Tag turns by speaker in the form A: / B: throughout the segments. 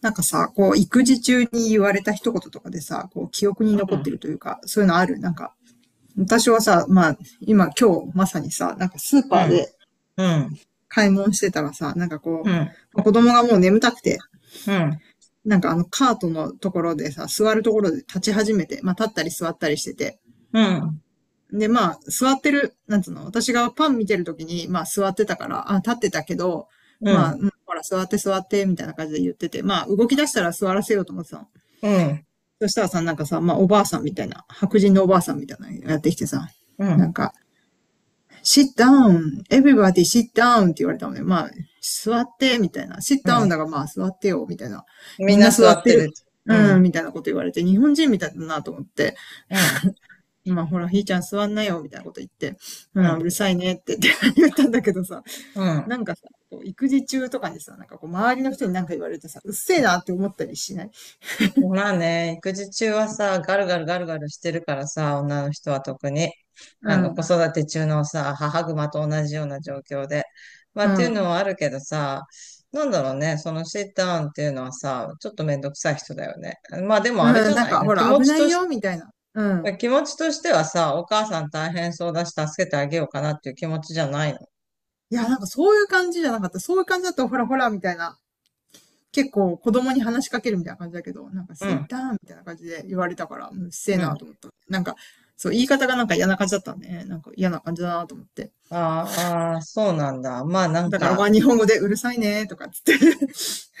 A: なんかさ、こう、育児中に言われた一言とかでさ、こう、記憶に
B: う
A: 残っ
B: ん、
A: てるというか、そういうのある？なんか、私はさ、まあ、今日、まさにさ、なんかスー
B: う
A: パー
B: ん、
A: で
B: うん、
A: 買い物してたらさ、なんか
B: う
A: こ
B: ん、
A: う、子供がもう眠たくて、
B: うん、
A: なんかあの、カートのところでさ、座るところで立ち始めて、まあ、立ったり座ったりしてて、
B: うん、うん、
A: で、まあ、座ってる、なんつうの、私がパン見てる時に、まあ、座ってたから、あ、立ってたけど、
B: う
A: まあ、
B: ん、
A: ほら、座って座って、みたいな感じで言ってて、まあ、動き出したら座らせようと思ってたの。そしたらさ、なんかさ、まあ、おばあさんみたいな、白人のおばあさんみたいなのやってきてさ、
B: うん、
A: なんか、sit down, everybody sit down って言われたのね。まあ、座って、みたいな。sit
B: う
A: down
B: ん。
A: だからまあ、座ってよ、みたいな。
B: み
A: み
B: ん
A: ん
B: な
A: な
B: 座
A: 座っ
B: っ
A: て
B: て
A: る。
B: る。うん、
A: うん、みたいなこと言われて、日本人みたいだなと思って、
B: うん、
A: まあ、ほら、ひーちゃん座んなよ、みたいなこと言って、う
B: う
A: ん、
B: ん、
A: うるさいねって言ったんだけどさ、
B: うん。
A: なんかさ、こう育児中とかにさ、なんかこう、周りの人になんか言われてさ、うっせえなって思ったりしない？
B: まあね、育児中はさ、ガルガルガルガルしてるからさ、女の人は特に、
A: う
B: 子
A: ん、
B: 育て中のさ、母熊と同じような状況で。まあ
A: う
B: っていうの
A: ん。
B: はあるけどさ、なんだろうね、そのシッターンっていうのはさ、ちょっとめんどくさい人だよね。まあでもあれじ
A: うん、
B: ゃ
A: なん
B: ない
A: か、
B: の、
A: ほ
B: 気
A: ら、
B: 持
A: 危
B: ち
A: ない
B: と
A: よ、
B: し
A: みたいな。うん。
B: 気持ちとしてはさ、お母さん大変そうだし、助けてあげようかなっていう気持ちじゃないの。
A: いや、なんかそういう感じじゃなかった。そういう感じだと、ほらほら、みたいな。結構子供に話しかけるみたいな感じだけど、なんか、
B: う
A: セイ
B: ん、
A: ターみたいな感じで言われたから、ううっせえ
B: うん。
A: なと思った。なんか、そう、言い方がなんか嫌な感じだったんで、ね、なんか嫌な感じだなと思って。
B: あーあー、そうなんだ。まあなん
A: だから、ま
B: か、
A: あ、日本語でうるさいね、とかっつって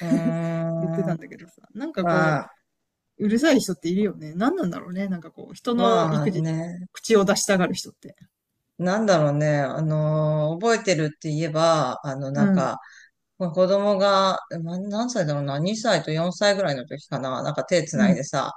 B: う
A: 言って
B: ー
A: たん
B: ん、
A: だけどさ。なんか
B: ま
A: こ
B: あ、
A: う、うるさい人っているよね。何なんだろうね。なんかこう、人の
B: まあ
A: 育児に
B: ね、
A: 口を出したがる人って。
B: なんだろうね、覚えてるって言えば、あの、な
A: う
B: ん
A: ん、
B: か、まあ、子供が、何歳だろうな、2歳と4歳ぐらいの時かな、なんか手つ
A: う
B: ないで
A: ん、
B: さ、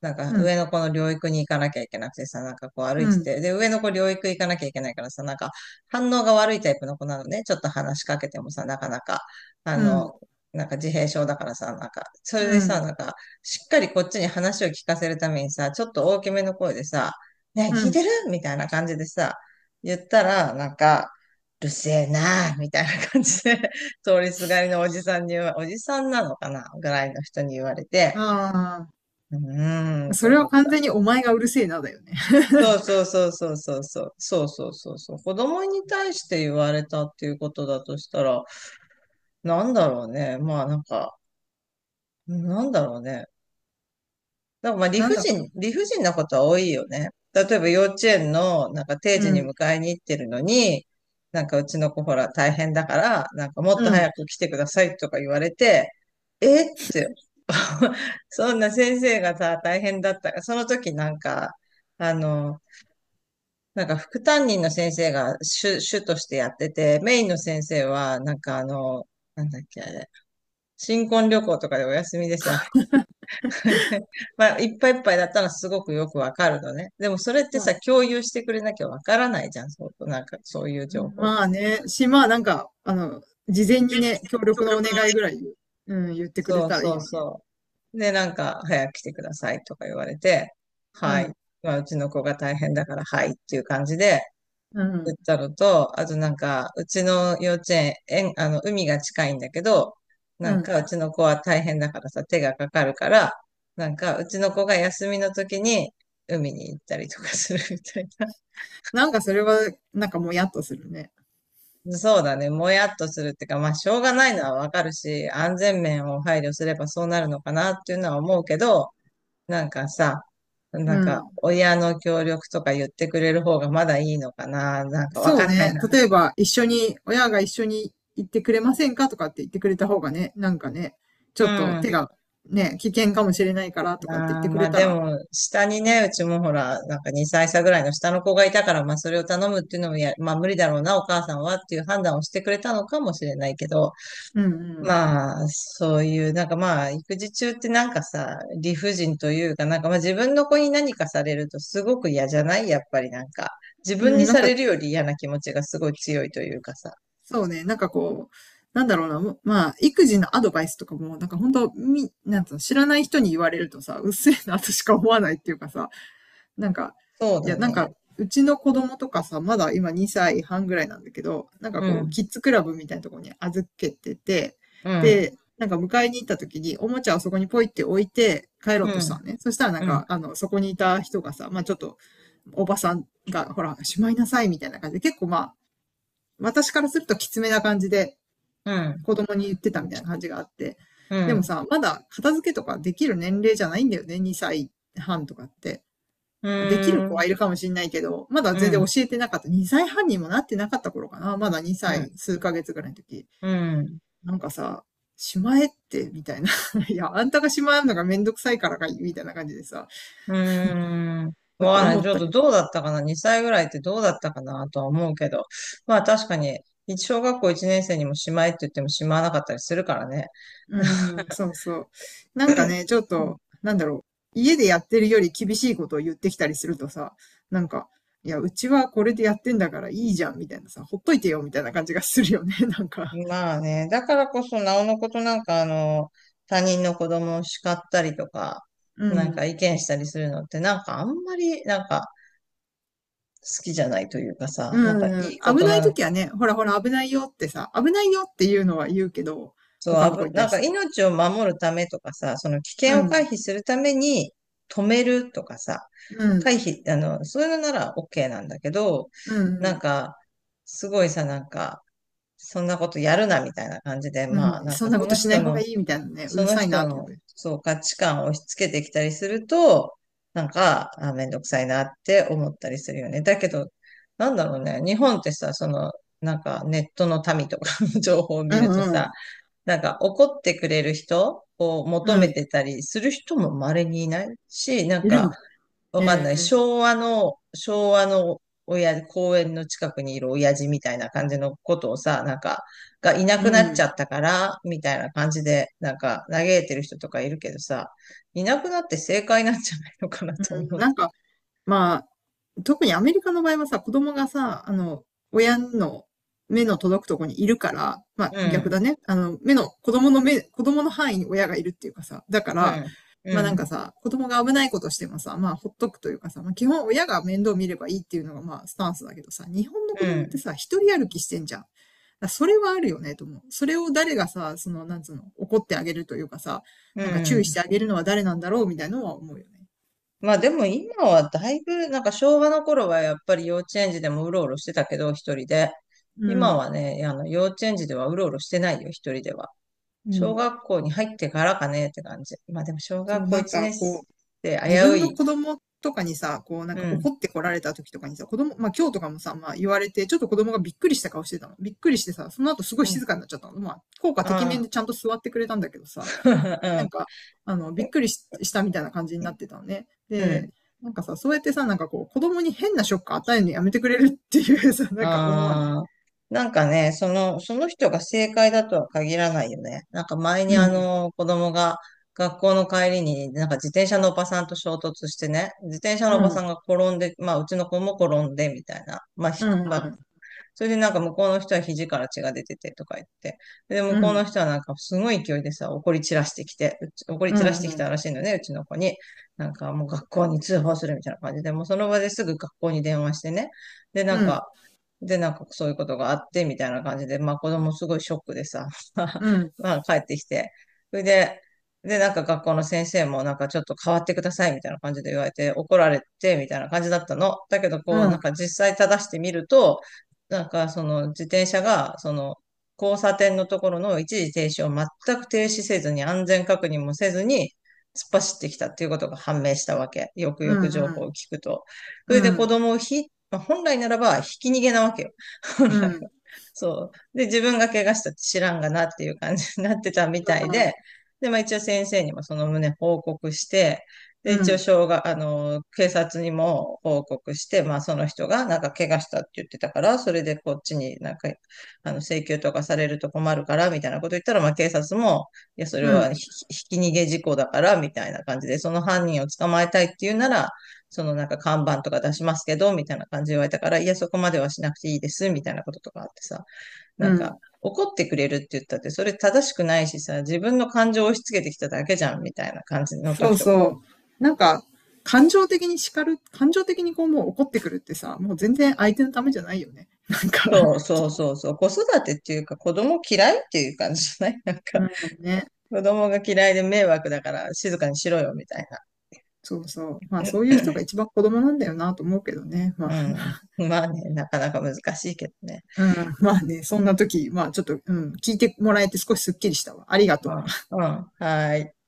B: なんか
A: うん、
B: 上の子の療育に行かなきゃいけなくてさ、なんかこう歩い
A: う
B: て
A: ん、
B: て、で、上の子療育行かなきゃいけないからさ、なんか反応が悪いタイプの子なのね、ちょっと話しかけてもさ、なかなか、あ
A: うん、
B: の、なんか自閉症だからさ、なんか、それで
A: う
B: さ、
A: ん。
B: なんか、しっかりこっちに話を聞かせるためにさ、ちょっと大きめの声でさ、ね
A: う
B: え、聞い
A: ん。
B: てるみたいな感じでさ、言ったら、なんか、うるせえなあみたいな感じで通りすがりのおじさんにおじさんなのかなぐらいの人に言われて、
A: あ
B: うーん
A: あ、
B: っ
A: そ
B: て
A: れ
B: 思
A: は
B: っ
A: 完
B: た。
A: 全にお前がうるせえなだよね。
B: そうそうそうそうそうそう。そうそうそうそう。子供に対して言われたっていうことだとしたら、なんだろうね。まあなんか、なんだろうね。でもまあ理
A: なん
B: 不
A: だ、
B: 尽、理不尽なことは多いよね。例えば幼稚園のなんか定時
A: う
B: に
A: ん、
B: 迎えに行ってるのに、なんかうちの子ほら大変だから、なんかもっと
A: うん。
B: 早く来てくださいとか言われて、えって、そんな先生がさ、大変だったから、その時なんか、あの、なんか副担任の先生が主としてやってて、メインの先生はなんかあの、なんだっけあれ、新婚旅行とかでお休みでさ、まあ、いっぱいいっぱいだったらすごくよくわかるのね。でもそれって
A: ま
B: さ、
A: あ、
B: 共有してくれなきゃわからないじゃん。そう、なんか、そういう情報。
A: まあね、し、まあなんか、あの、事前にね、協
B: 協
A: 力のお
B: 力の
A: 願い
B: ね。
A: ぐらい、うん、言ってくれ
B: そう
A: たらいい
B: そう
A: のにね。
B: そう。で、なんか、早く来てくださいとか言われて、
A: う
B: は
A: ん、
B: い。まあ、うちの子が大変だから、はいっていう感じで、
A: う
B: 言
A: ん、
B: ったのと、あとなんか、うちの幼稚園、海が近いんだけど、な
A: う
B: ん
A: ん。
B: か、うちの子は大変だからさ、手がかかるから、なんか、うちの子が休みの時に海に行ったりとかするみたいな。
A: なんかそれは、なんかもやっとするね。
B: そうだね、もやっとするってか、まあ、しょうがないのはわかるし、安全面を配慮すればそうなるのかなっていうのは思うけど、なんかさ、な
A: う
B: んか、
A: ん。
B: 親の協力とか言ってくれる方がまだいいのかな、なんかわ
A: そ
B: か
A: う
B: んな
A: ね。
B: いな。
A: 例えば、一緒に、親が一緒に行ってくれませんかとかって言ってくれた方がね、なんかね、ち
B: う
A: ょっと手
B: ん。
A: がね、危険かもしれないからとかって言っ
B: ああ、
A: てく
B: ま
A: れ
B: あ
A: た
B: で
A: ら、
B: も、下にね、うちもほら、なんか2歳差ぐらいの下の子がいたから、まあそれを頼むっていうのもまあ無理だろうな、お母さんはっていう判断をしてくれたのかもしれないけど、
A: うんうん。
B: まあ、そういう、なんかまあ、育児中ってなんかさ、理不尽というか、なんかまあ自分の子に何かされるとすごく嫌じゃないやっぱりなんか、自分
A: う
B: に
A: ん、なん
B: さ
A: か
B: れるより嫌な気持ちがすごい強いというかさ。
A: そうね、なんかこう、なんだろうな、もまあ、育児のアドバイスとかも、なんか本当み、なんつうの、知らない人に言われるとさ、うっせえなとしか思わないっていうかさ、なんか、
B: そう
A: い
B: だ
A: や、なんか、
B: ね。
A: うちの子供とかさ、まだ今2歳半ぐらいなんだけど、なんか
B: う
A: こう、
B: ん、
A: キッズクラブみたいなところに預けてて、
B: うん、
A: で、なんか迎えに行った時に、おもちゃをそこにポイって置いて帰ろ
B: う
A: うとし
B: ん、
A: たのね。そしたらなん
B: うん、
A: か、あの、そこにいた人がさ、まあちょっと、おばさんが、ほら、しまいなさいみたいな感じで、結構ま私からするときつめな感じで
B: うん、
A: 子供に言ってたみたいな感じがあって。
B: う
A: でも
B: ん、
A: さ、まだ片付けとかできる年齢じゃないんだよね、2歳半とかって。
B: う
A: まあできる子
B: ん、
A: はいるかもしれないけど、まだ
B: う
A: 全然教
B: ん、
A: えてなかった。2歳半にもなってなかった頃かな。まだ
B: う
A: 2
B: ん、
A: 歳数ヶ月ぐらいの時。
B: うん。
A: なんかさ、しまえって、みたいな。いや、あんたがしまえるのがめんどくさいからかい、みたいな感じでさ、ち
B: うーん。
A: ょっ
B: わ
A: と
B: か
A: 思
B: んない。ち
A: っ
B: ょっ
A: た
B: と
A: り
B: どうだったかな ?2 歳ぐらいってどうだったかなとは思うけど。まあ確かに、小学校1年生にもしまいって言ってもしまわなかったりするからね。
A: う ん、そうそう。なんかね、ちょっ
B: うん。
A: と、なんだろう。家でやってるより厳しいことを言ってきたりするとさ、なんか、いや、うちはこれでやってんだからいいじゃん、みたいなさ、ほっといてよ、みたいな感じがするよね、なんか。
B: まあね。だからこそ、なおのことなんかあの、他人の子供を叱ったりとか、
A: う
B: なんか意
A: ん。
B: 見したりするのってなんかあんまりなんか好きじゃないというか
A: う
B: さ、なんかい
A: ん。
B: いこ
A: 危
B: と
A: ない
B: なの。
A: 時はね、ほらほら危ないよってさ、危ないよっていうのは言うけど、
B: そう、
A: 他の子に
B: な
A: 対
B: ん
A: し
B: か
A: て。
B: 命を守るためとかさ、その危
A: う
B: 険を回
A: ん。
B: 避するために止めるとかさ、
A: うん。
B: 回避、あの、そういうのなら OK なんだけど、
A: う
B: なん
A: ん。
B: か、すごいさ、なんか、そんなことやるなみたいな感じで、
A: う
B: ま
A: ん。
B: あ、なん
A: そ
B: か
A: んな
B: そ
A: こと
B: の
A: しな
B: 人
A: い方が
B: の、
A: いいみたいなね、うるさいなと思う。
B: そう、価値観を押し付けてきたりすると、なんか、あ、めんどくさいなって思ったりするよね。だけど、なんだろうね、日本ってさ、その、なんかネットの民とかの 情報を
A: う
B: 見ると
A: んう
B: さ、
A: ん。
B: なんか怒ってくれる人を求
A: う
B: め
A: ん。
B: てたりする人も稀にいないし、なん
A: いる
B: か
A: の？
B: わかん
A: え
B: ない。
A: え、
B: 昭和の親、公園の近くにいる親父みたいな感じのことをさ、なんか、がいな
A: う
B: くなっ
A: ん。う
B: ち
A: ん。
B: ゃったから、みたいな感じで、なんか嘆いてる人とかいるけどさ、いなくなって正解なんじゃないのかなと思う。
A: なんか、まあ、特にアメリカの場合はさ、子供がさ、あの、親の目の届くとこにいるから、まあ
B: う
A: 逆
B: ん、
A: だね。あの、目の、子供の目、子供の範囲に親がいるっていうかさ、だか
B: う
A: ら、
B: ん、う
A: まあなんか
B: ん、
A: さ、子供が危ないことしてもさ、まあほっとくというかさ、まあ基本親が面倒見ればいいっていうのがまあスタンスだけどさ、日本の
B: う
A: 子供って
B: ん、
A: さ、一人歩きしてんじゃん。だからそれはあるよね、と思う。それを誰がさ、その、なんつうの、怒ってあげるというかさ、
B: う
A: なんか注意し
B: ん。
A: てあげるのは誰なんだろうみたいなのは思うよね。
B: まあでも今はだいぶ、なんか昭和の頃はやっぱり幼稚園児でもうろうろしてたけど、一人で。
A: う
B: 今
A: ん。
B: はね、あの幼稚園児ではうろうろしてないよ、一人では。
A: う
B: 小
A: ん。
B: 学校に入ってからかねって感じ。まあでも小
A: そ
B: 学
A: う、
B: 校
A: なん
B: 1
A: か
B: 年
A: こう、
B: 生危
A: 自
B: う
A: 分の
B: い。
A: 子供とかにさ、こうなん
B: う
A: か怒
B: ん。
A: ってこられた時とかにさ、子供、まあ今日とかもさ、まあ言われて、ちょっと子供がびっくりした顔してたの。びっくりしてさ、その後すごい
B: うん。
A: 静かになっちゃったの。まあ、効果
B: あ
A: 的面
B: あ。
A: でちゃんと座ってくれたんだけどさ、なん か、あの、びっくりしたみたいな感じに
B: う
A: なっ
B: ん。
A: てたのね。
B: う
A: で、
B: ん。
A: なんかさ、そうやってさ、なんかこう、子供に変なショック与えるのやめてくれるっていう さ、なんか思わない？
B: ああ、なんかね、その人が正解だとは限らないよね。なんか前にあの、子供が学校の帰りになんか自転車のおばさんと衝突してね、自転車のおばさんが転んで、まあうちの子も転んでみたいな、まあ
A: う
B: ひ
A: ん、
B: く、ま
A: う
B: あ
A: ん、
B: それでなんか向こうの人は肘から血が出ててとか言って。で、向
A: う
B: こうの
A: ん、
B: 人はなんかすごい勢いでさ、怒り
A: う
B: 散らし
A: ん、
B: てき
A: うん、
B: たらしいのね、うちの子に。なんかもう学校に通報するみたいな感じで、もうその場ですぐ学校に電話してね。で、なん
A: うん、
B: か、で、なんかそういうことがあって、みたいな感じで、まあ子供すごいショックでさ、
A: うん、
B: まあ帰ってきて。それで、なんか学校の先生もなんかちょっと変わってくださいみたいな感じで言われて怒られてみたいな感じだったの。だけど
A: う
B: こうなん
A: ん、
B: か実際正してみると、なんか、その自転車が、その、交差点のところの一時停止を全く停止せずに、安全確認もせずに、突っ走ってきたっていうことが判明したわけ。よく
A: う
B: よく
A: ん、
B: 情
A: う
B: 報を
A: ん、
B: 聞くと。それで
A: う
B: 子
A: ん、
B: 供をまあ本来ならば、ひき逃げなわけよ。本
A: うん、
B: 来
A: うん、
B: は。そう。で、自分が怪我したって知らんがなっていう感じになってたみたいで、
A: う
B: で、まあ一応先生にもその旨報告して、で、一応、
A: ん、
B: 障害、あの、警察にも報告して、まあ、その人が、なんか、怪我したって言ってたから、それでこっちになんか、あの、請求とかされると困るから、みたいなこと言ったら、まあ、警察も、いや、それ
A: う
B: は
A: ん、
B: ひき逃げ事故だから、みたいな感じで、その犯人を捕まえたいっていうなら、そのなんか、看板とか出しますけど、みたいな感じで言われたから、いや、そこまではしなくていいです、みたいなこととかあってさ、な
A: う
B: んか、
A: ん。
B: 怒ってくれるって言ったって、それ正しくないしさ、自分の感情を押し付けてきただけじゃん、みたいな感じの
A: そ
B: 時
A: う
B: と。
A: そう。なんか、感情的に叱る、感情的にこうもう怒ってくるってさ、もう全然相手のためじゃないよね。なんか、
B: そうそうそうそう。子育てっていうか子供嫌いっていう感じじゃない。 なんか、
A: うん、ね。
B: 子供が嫌いで迷惑だから静かにしろよみたいな。
A: そうそう。まあそういう人が一番子供なんだよなと思うけどね。ま
B: う
A: あ、
B: ん。まあね、なかなか難しいけどね。
A: うん、まあね、そんな時、まあちょっと、うん、聞いてもらえて少しすっきりしたわ。ありが
B: う
A: とう。
B: ん。うん。はーい。